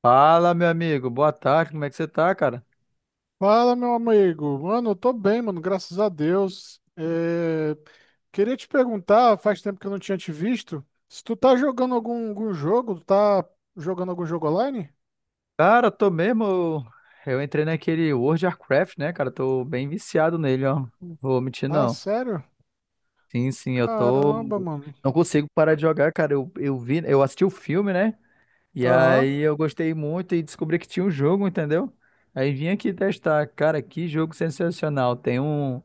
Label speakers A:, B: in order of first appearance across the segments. A: Fala, meu amigo. Boa tarde. Como é que você tá, cara?
B: Fala, meu amigo. Mano, eu tô bem, mano, graças a Deus. Queria te perguntar, faz tempo que eu não tinha te visto, se tu tá jogando algum jogo, tá jogando algum jogo online?
A: Cara, tô mesmo. Eu entrei naquele World of Warcraft, né, cara? Tô bem viciado nele, ó. Não vou mentir,
B: Ah,
A: não.
B: sério?
A: Sim, sim, eu tô.
B: Caramba, mano.
A: Não consigo parar de jogar, cara. Eu assisti o filme, né? E
B: Aham.
A: aí eu gostei muito e descobri que tinha um jogo, entendeu? Aí vim aqui testar. Cara, que jogo sensacional.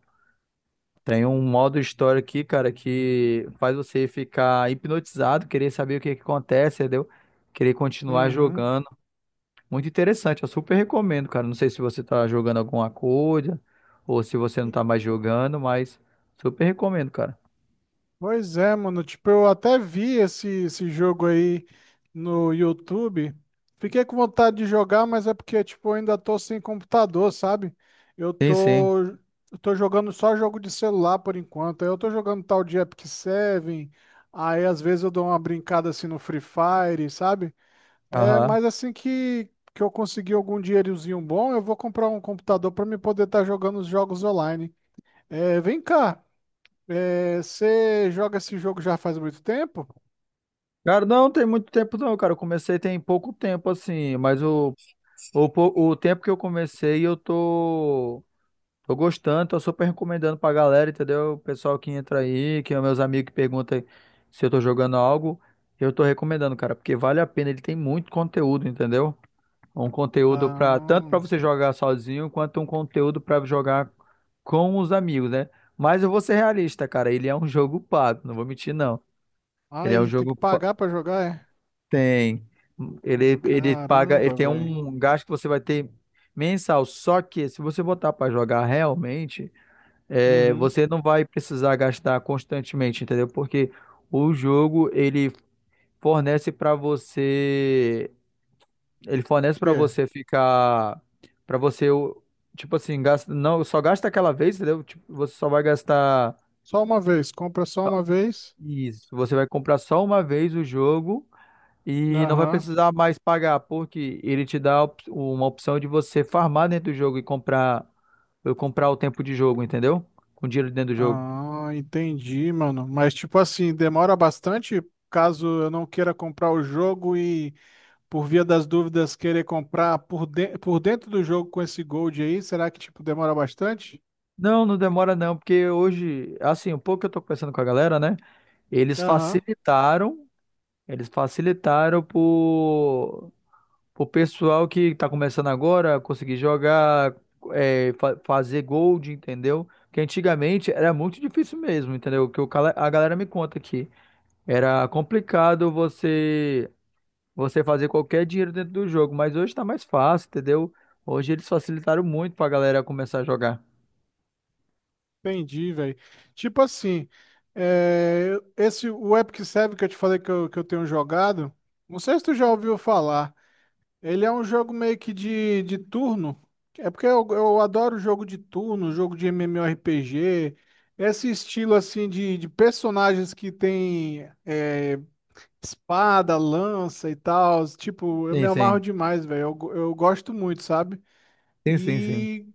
A: Tem um modo história aqui, cara, que faz você ficar hipnotizado, querer saber o que é que acontece, entendeu? Querer continuar
B: Uhum.
A: jogando. Muito interessante, eu super recomendo, cara. Não sei se você tá jogando alguma coisa ou se você não tá mais jogando, mas super recomendo, cara.
B: Pois é, mano. Tipo, eu até vi esse jogo aí no YouTube. Fiquei com vontade de jogar, mas é porque, tipo, eu ainda tô sem computador, sabe? Eu
A: Sim, sim.
B: tô, eu tô jogando só jogo de celular por enquanto. Aí eu tô jogando tal de Epic Seven. Aí, às vezes, eu dou uma brincada assim no Free Fire, sabe? É,
A: Aham.
B: mas assim que eu conseguir algum dinheirozinho bom, eu vou comprar um computador pra me poder estar jogando os jogos online. É, vem cá. É, você joga esse jogo já faz muito tempo?
A: Cara, não tem muito tempo não, cara. Eu comecei tem pouco tempo assim, o tempo que eu comecei tô gostando, tô super recomendando pra galera, entendeu? O pessoal que entra aí, que é meus amigos que perguntam se eu tô jogando algo, eu tô recomendando, cara, porque vale a pena, ele tem muito conteúdo, entendeu? Um conteúdo para tanto para
B: Ah,
A: você jogar sozinho quanto um conteúdo para jogar com os amigos, né? Mas eu vou ser realista, cara. Ele é um jogo pago, não vou mentir, não.
B: ah,
A: Ele é um
B: ele tem que
A: jogo pa-
B: pagar pra jogar, é?
A: tem ele paga, ele
B: Caramba,
A: tem
B: velho.
A: um gasto que você vai ter mensal. Só que se você botar para jogar realmente,
B: Uhum. O
A: você não vai precisar gastar constantemente, entendeu? Porque o jogo ele fornece para você Ele fornece pra
B: quê?
A: você ficar. Pra você, o- tipo assim, gasta, não, só gasta aquela vez, entendeu? Tipo, você só vai gastar
B: Só uma vez, compra só uma vez?
A: isso, você vai comprar só uma vez o jogo e não vai
B: Aham.
A: precisar mais pagar, porque ele te dá uma opção de você farmar dentro do jogo e comprar, eu comprar o tempo de jogo, entendeu? Com dinheiro dentro do jogo.
B: Ah, entendi, mano. Mas tipo assim, demora bastante caso eu não queira comprar o jogo e por via das dúvidas querer comprar por dentro do jogo com esse Gold aí, será que tipo demora bastante?
A: Não, não demora não, porque hoje, assim, um pouco que eu tô conversando com a galera, né? Eles
B: Aham.
A: facilitaram, eles facilitaram por O pessoal que tá começando agora, conseguir jogar, fazer gold, entendeu? Porque antigamente era muito difícil mesmo, entendeu? O Que o cala- A galera me conta aqui. Era complicado você fazer qualquer dinheiro dentro do jogo, mas hoje tá mais fácil, entendeu? Hoje eles facilitaram muito pra galera começar a jogar.
B: Entendi, velho. Tipo assim, é, esse o Epic Seven que eu te falei que eu tenho jogado, não sei se tu já ouviu falar. Ele é um jogo meio que de turno. É porque eu adoro jogo de turno, jogo de MMORPG, esse estilo assim de personagens que tem é, espada, lança e tal. Tipo, eu me
A: Sim,
B: amarro
A: sim.
B: demais, velho. Eu gosto muito, sabe?
A: Sim, sim, sim.
B: E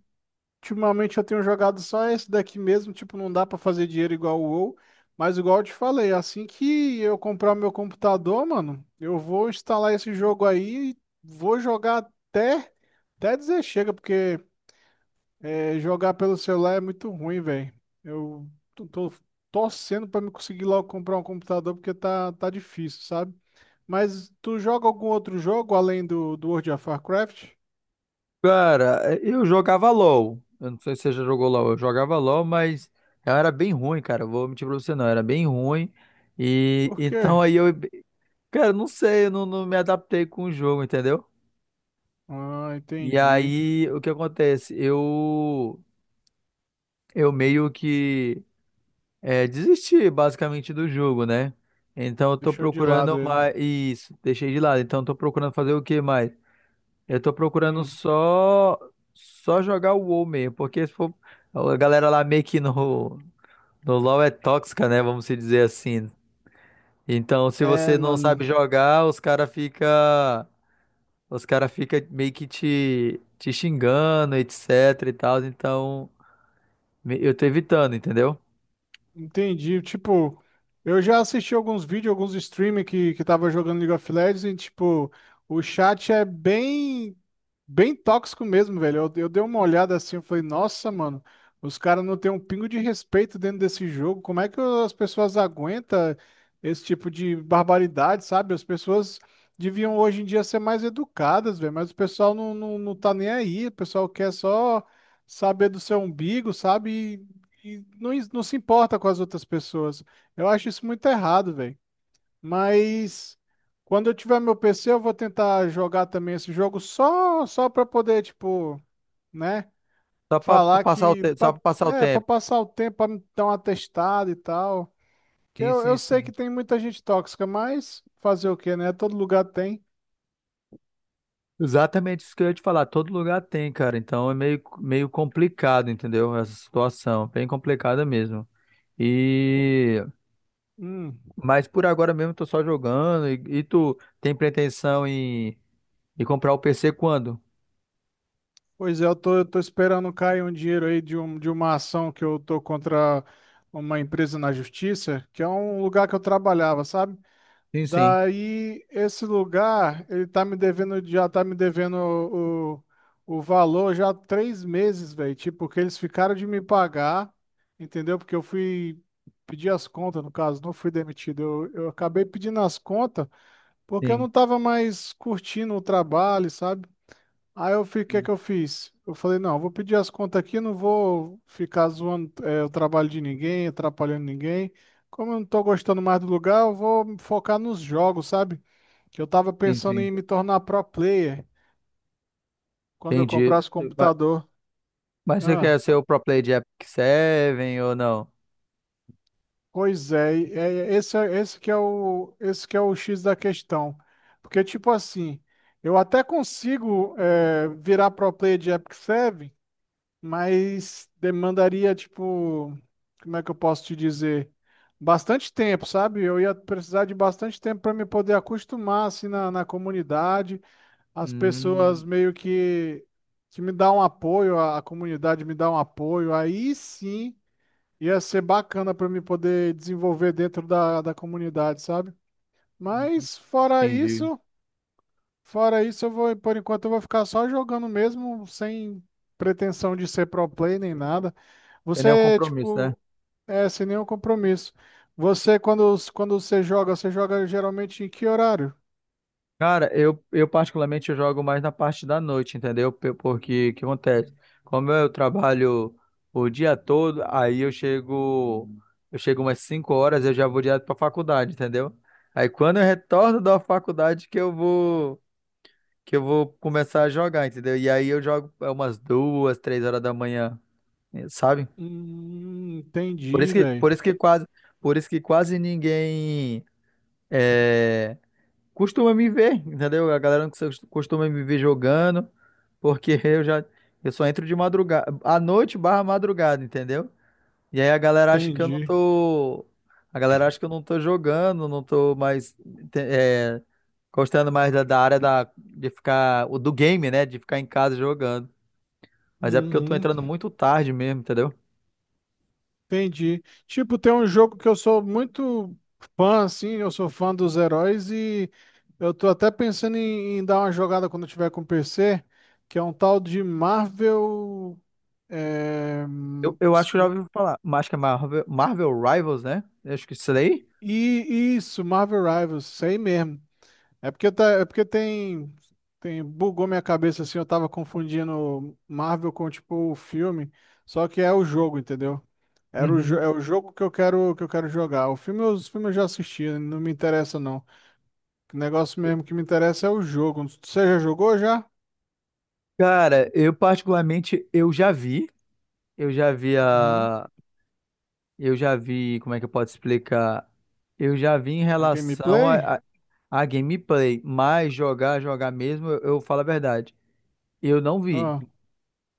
B: ultimamente eu tenho jogado só esse daqui mesmo, tipo, não dá pra fazer dinheiro igual o WoW, mas igual eu te falei, assim que eu comprar meu computador, mano, eu vou instalar esse jogo aí e vou jogar até, até dizer chega, porque é, jogar pelo celular é muito ruim, velho. Eu tô torcendo pra me conseguir logo comprar um computador, porque tá difícil, sabe? Mas tu joga algum outro jogo além do World of Warcraft?
A: Cara, eu jogava LOL. Eu não sei se você já jogou LOL. Eu jogava LOL, mas eu era bem ruim, cara. Vou mentir pra você, não. Eu era bem ruim. E
B: Por
A: então
B: quê?
A: aí eu, cara, não sei, eu não, não me adaptei com o jogo, entendeu?
B: Ah,
A: E
B: entendi.
A: aí o que acontece? Eu meio que é, desisti basicamente do jogo, né? Então eu tô
B: Deixou de
A: procurando
B: lado ele.
A: mais. Isso, deixei de lado. Então eu tô procurando fazer o que mais? Eu tô procurando
B: Hum.
A: só jogar o WoW mesmo, porque se for, a galera lá meio que no LoL é tóxica, né? Vamos se dizer assim. Então, se
B: É,
A: você não sabe
B: mano,
A: jogar, os cara fica meio que te xingando, etc e tal. Então, eu tô evitando, entendeu?
B: entendi. Tipo, eu já assisti alguns vídeos, alguns streamers que tava jogando League of Legends e, tipo, o chat é bem tóxico mesmo, velho. Eu dei uma olhada assim, eu falei, nossa, mano, os caras não têm um pingo de respeito dentro desse jogo. Como é que as pessoas aguentam esse tipo de barbaridade, sabe? As pessoas deviam hoje em dia ser mais educadas, velho, mas o pessoal não tá nem aí. O pessoal quer só saber do seu umbigo, sabe? Não se importa com as outras pessoas. Eu acho isso muito errado, velho. Mas quando eu tiver meu PC, eu vou tentar jogar também esse jogo só para poder, tipo, né,
A: Só para
B: falar
A: passar o
B: que
A: tempo, só
B: pa-
A: para passar o
B: é para
A: tempo.
B: passar o tempo, para me dar uma testada e tal. Que
A: Sim, sim,
B: eu sei que
A: sim.
B: tem muita gente tóxica, mas fazer o quê, né? Todo lugar tem.
A: Exatamente isso que eu ia te falar. Todo lugar tem, cara. Então é meio, meio complicado, entendeu? Essa situação, bem complicada mesmo. E
B: Hum,
A: mas por agora mesmo eu tô só jogando. Tu tem pretensão em comprar o PC quando?
B: pois é, eu tô esperando cair um dinheiro aí de uma ação que eu tô contra uma empresa na justiça, que é um lugar que eu trabalhava, sabe?
A: Sim, sim.
B: Daí, esse lugar, ele tá me devendo, já tá me devendo o valor já há três meses, velho. Tipo, porque eles ficaram de me pagar, entendeu? Porque eu fui pedir as contas, no caso, não fui demitido. Eu acabei pedindo as contas porque eu
A: Sim,
B: não tava mais curtindo o trabalho, sabe? Aí eu fiquei, o que é que eu fiz? Eu falei, não, eu vou pedir as contas aqui, não vou ficar zoando é, o trabalho de ninguém, atrapalhando ninguém. Como eu não tô gostando mais do lugar, eu vou me focar nos jogos, sabe? Que eu tava
A: sim,
B: pensando
A: sim.
B: em me tornar pro player quando eu
A: Entendi.
B: comprasse o
A: Mas,
B: computador.
A: mas você
B: Ah,
A: quer ser o pro player de Epic 7 ou não?
B: pois é, esse que é esse que é o X da questão. Porque, tipo assim, eu até consigo é, virar pro player de Epic Seven, mas demandaria, tipo, como é que eu posso te dizer? Bastante tempo, sabe? Eu ia precisar de bastante tempo para me poder acostumar assim na comunidade, as pessoas
A: Hum,
B: meio que me dão um apoio, a comunidade me dá um apoio, aí sim ia ser bacana para me poder desenvolver dentro da comunidade, sabe? Mas
A: entendi.
B: fora isso, eu vou, por enquanto eu vou ficar só jogando mesmo, sem pretensão de ser pro play nem nada.
A: Tem nenhum
B: Você,
A: compromisso, né?
B: tipo, é sem nenhum compromisso. Você, quando você joga geralmente em que horário?
A: Cara, eu particularmente eu jogo mais na parte da noite, entendeu? Porque o que acontece? Como eu trabalho o dia todo, eu chego umas 5 horas, eu já vou direto pra faculdade, entendeu? Aí quando eu retorno da faculdade que eu vou começar a jogar, entendeu? E aí eu jogo umas 2, 3 horas da manhã, sabe? Por isso
B: Entendi,
A: que,
B: velho.
A: por isso que quase, por isso que quase ninguém eh, costuma me ver, entendeu? A galera não cos- costuma me ver jogando, porque eu só entro de madrugada, à noite barra madrugada, entendeu? E aí a galera acha que eu não
B: Entendi.
A: tô, a galera acha que eu não tô jogando, não tô mais te- é, gostando mais da, da área da de ficar o do game, né, de ficar em casa jogando. Mas é porque eu tô
B: Uhum,
A: entrando muito tarde mesmo, entendeu?
B: entendi. Tipo, tem um jogo que eu sou muito fã, assim, eu sou fã dos heróis e eu tô até pensando em dar uma jogada quando eu tiver com o PC, que é um tal de Marvel. É,
A: Eu acho que eu já ouvi falar, mas acho que é Marvel Rivals, né? Eu acho que é isso daí.
B: e isso, Marvel Rivals, sei mesmo. É porque, tá, é porque tem. Bugou minha cabeça assim, eu tava confundindo Marvel com tipo o filme, só que é o jogo, entendeu? Era
A: Uhum.
B: é o jogo que eu quero jogar. O filme, os filmes eu já assisti, não me interessa não. O negócio mesmo que me interessa é o jogo. Você já jogou já?
A: Cara, eu já vi, eu já vi
B: Uhum.
A: a, eu já vi, como é que eu posso explicar? Eu já vi em
B: A
A: relação
B: gameplay?
A: a gameplay, mas jogar, jogar mesmo, eu falo a verdade, eu não vi,
B: Ah,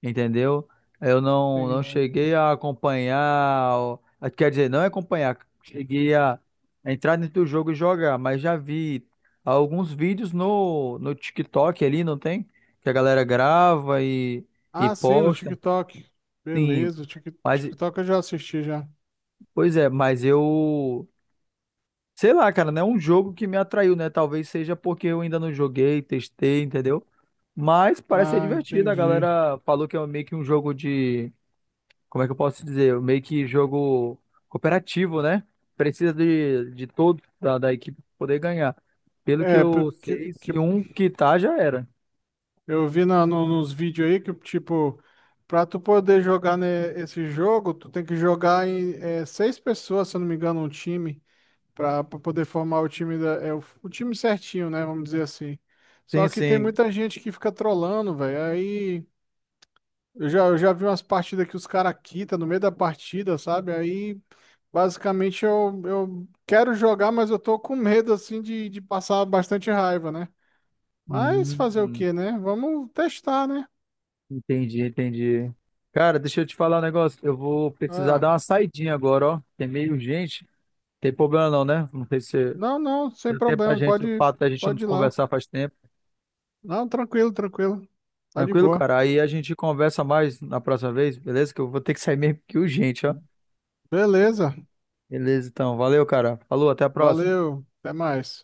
A: entendeu? Eu não, não
B: entendi.
A: cheguei a acompanhar, ó, quer dizer, não é acompanhar, cheguei a entrar dentro do jogo e jogar, mas já vi alguns vídeos no TikTok ali, não tem? Que a galera grava e
B: Ah, sim, no
A: posta.
B: TikTok.
A: Sim.
B: Beleza, o
A: Mas,
B: TikTok eu já assisti já.
A: pois é, mas eu. Sei lá, cara, não é um jogo que me atraiu, né? Talvez seja porque eu ainda não joguei, testei, entendeu? Mas parece ser
B: Ah,
A: divertido. A
B: entendi.
A: galera falou que é meio que um jogo de. Como é que eu posso dizer? Meio que jogo cooperativo, né? Precisa de todos da equipe pra poder ganhar. Pelo que
B: É,
A: eu
B: porque
A: sei, se um quitar, já era.
B: eu vi nos vídeos aí que, tipo, pra tu poder jogar né, esse jogo, tu tem que jogar em é, seis pessoas, se eu não me engano, um time, pra poder formar o time o time certinho, né? Vamos dizer assim. Só
A: Sim,
B: que tem
A: sim.
B: muita gente que fica trolando, velho. Aí eu já vi umas partidas que os caras quitam no meio da partida, sabe? Aí basicamente eu quero jogar, mas eu tô com medo, assim, de passar bastante raiva, né? Mas
A: Hum.
B: fazer o
A: Hum.
B: quê, né? Vamos testar, né?
A: Entendi, entendi. Cara, deixa eu te falar um negócio. Eu vou precisar
B: Ah.
A: dar uma saidinha agora, ó. Tem meio gente. Tem problema não, né? Não sei se
B: Não, não, sem
A: deu tempo pra
B: problema.
A: gente, o
B: Pode,
A: fato da gente não
B: pode
A: se
B: ir lá.
A: conversar faz tempo.
B: Não, tranquilo, tranquilo. Tá de
A: Tranquilo,
B: boa.
A: cara? Aí a gente conversa mais na próxima vez, beleza? Que eu vou ter que sair meio que urgente, ó.
B: Beleza.
A: Beleza, então. Valeu, cara. Falou, até a próxima.
B: Valeu. Até mais.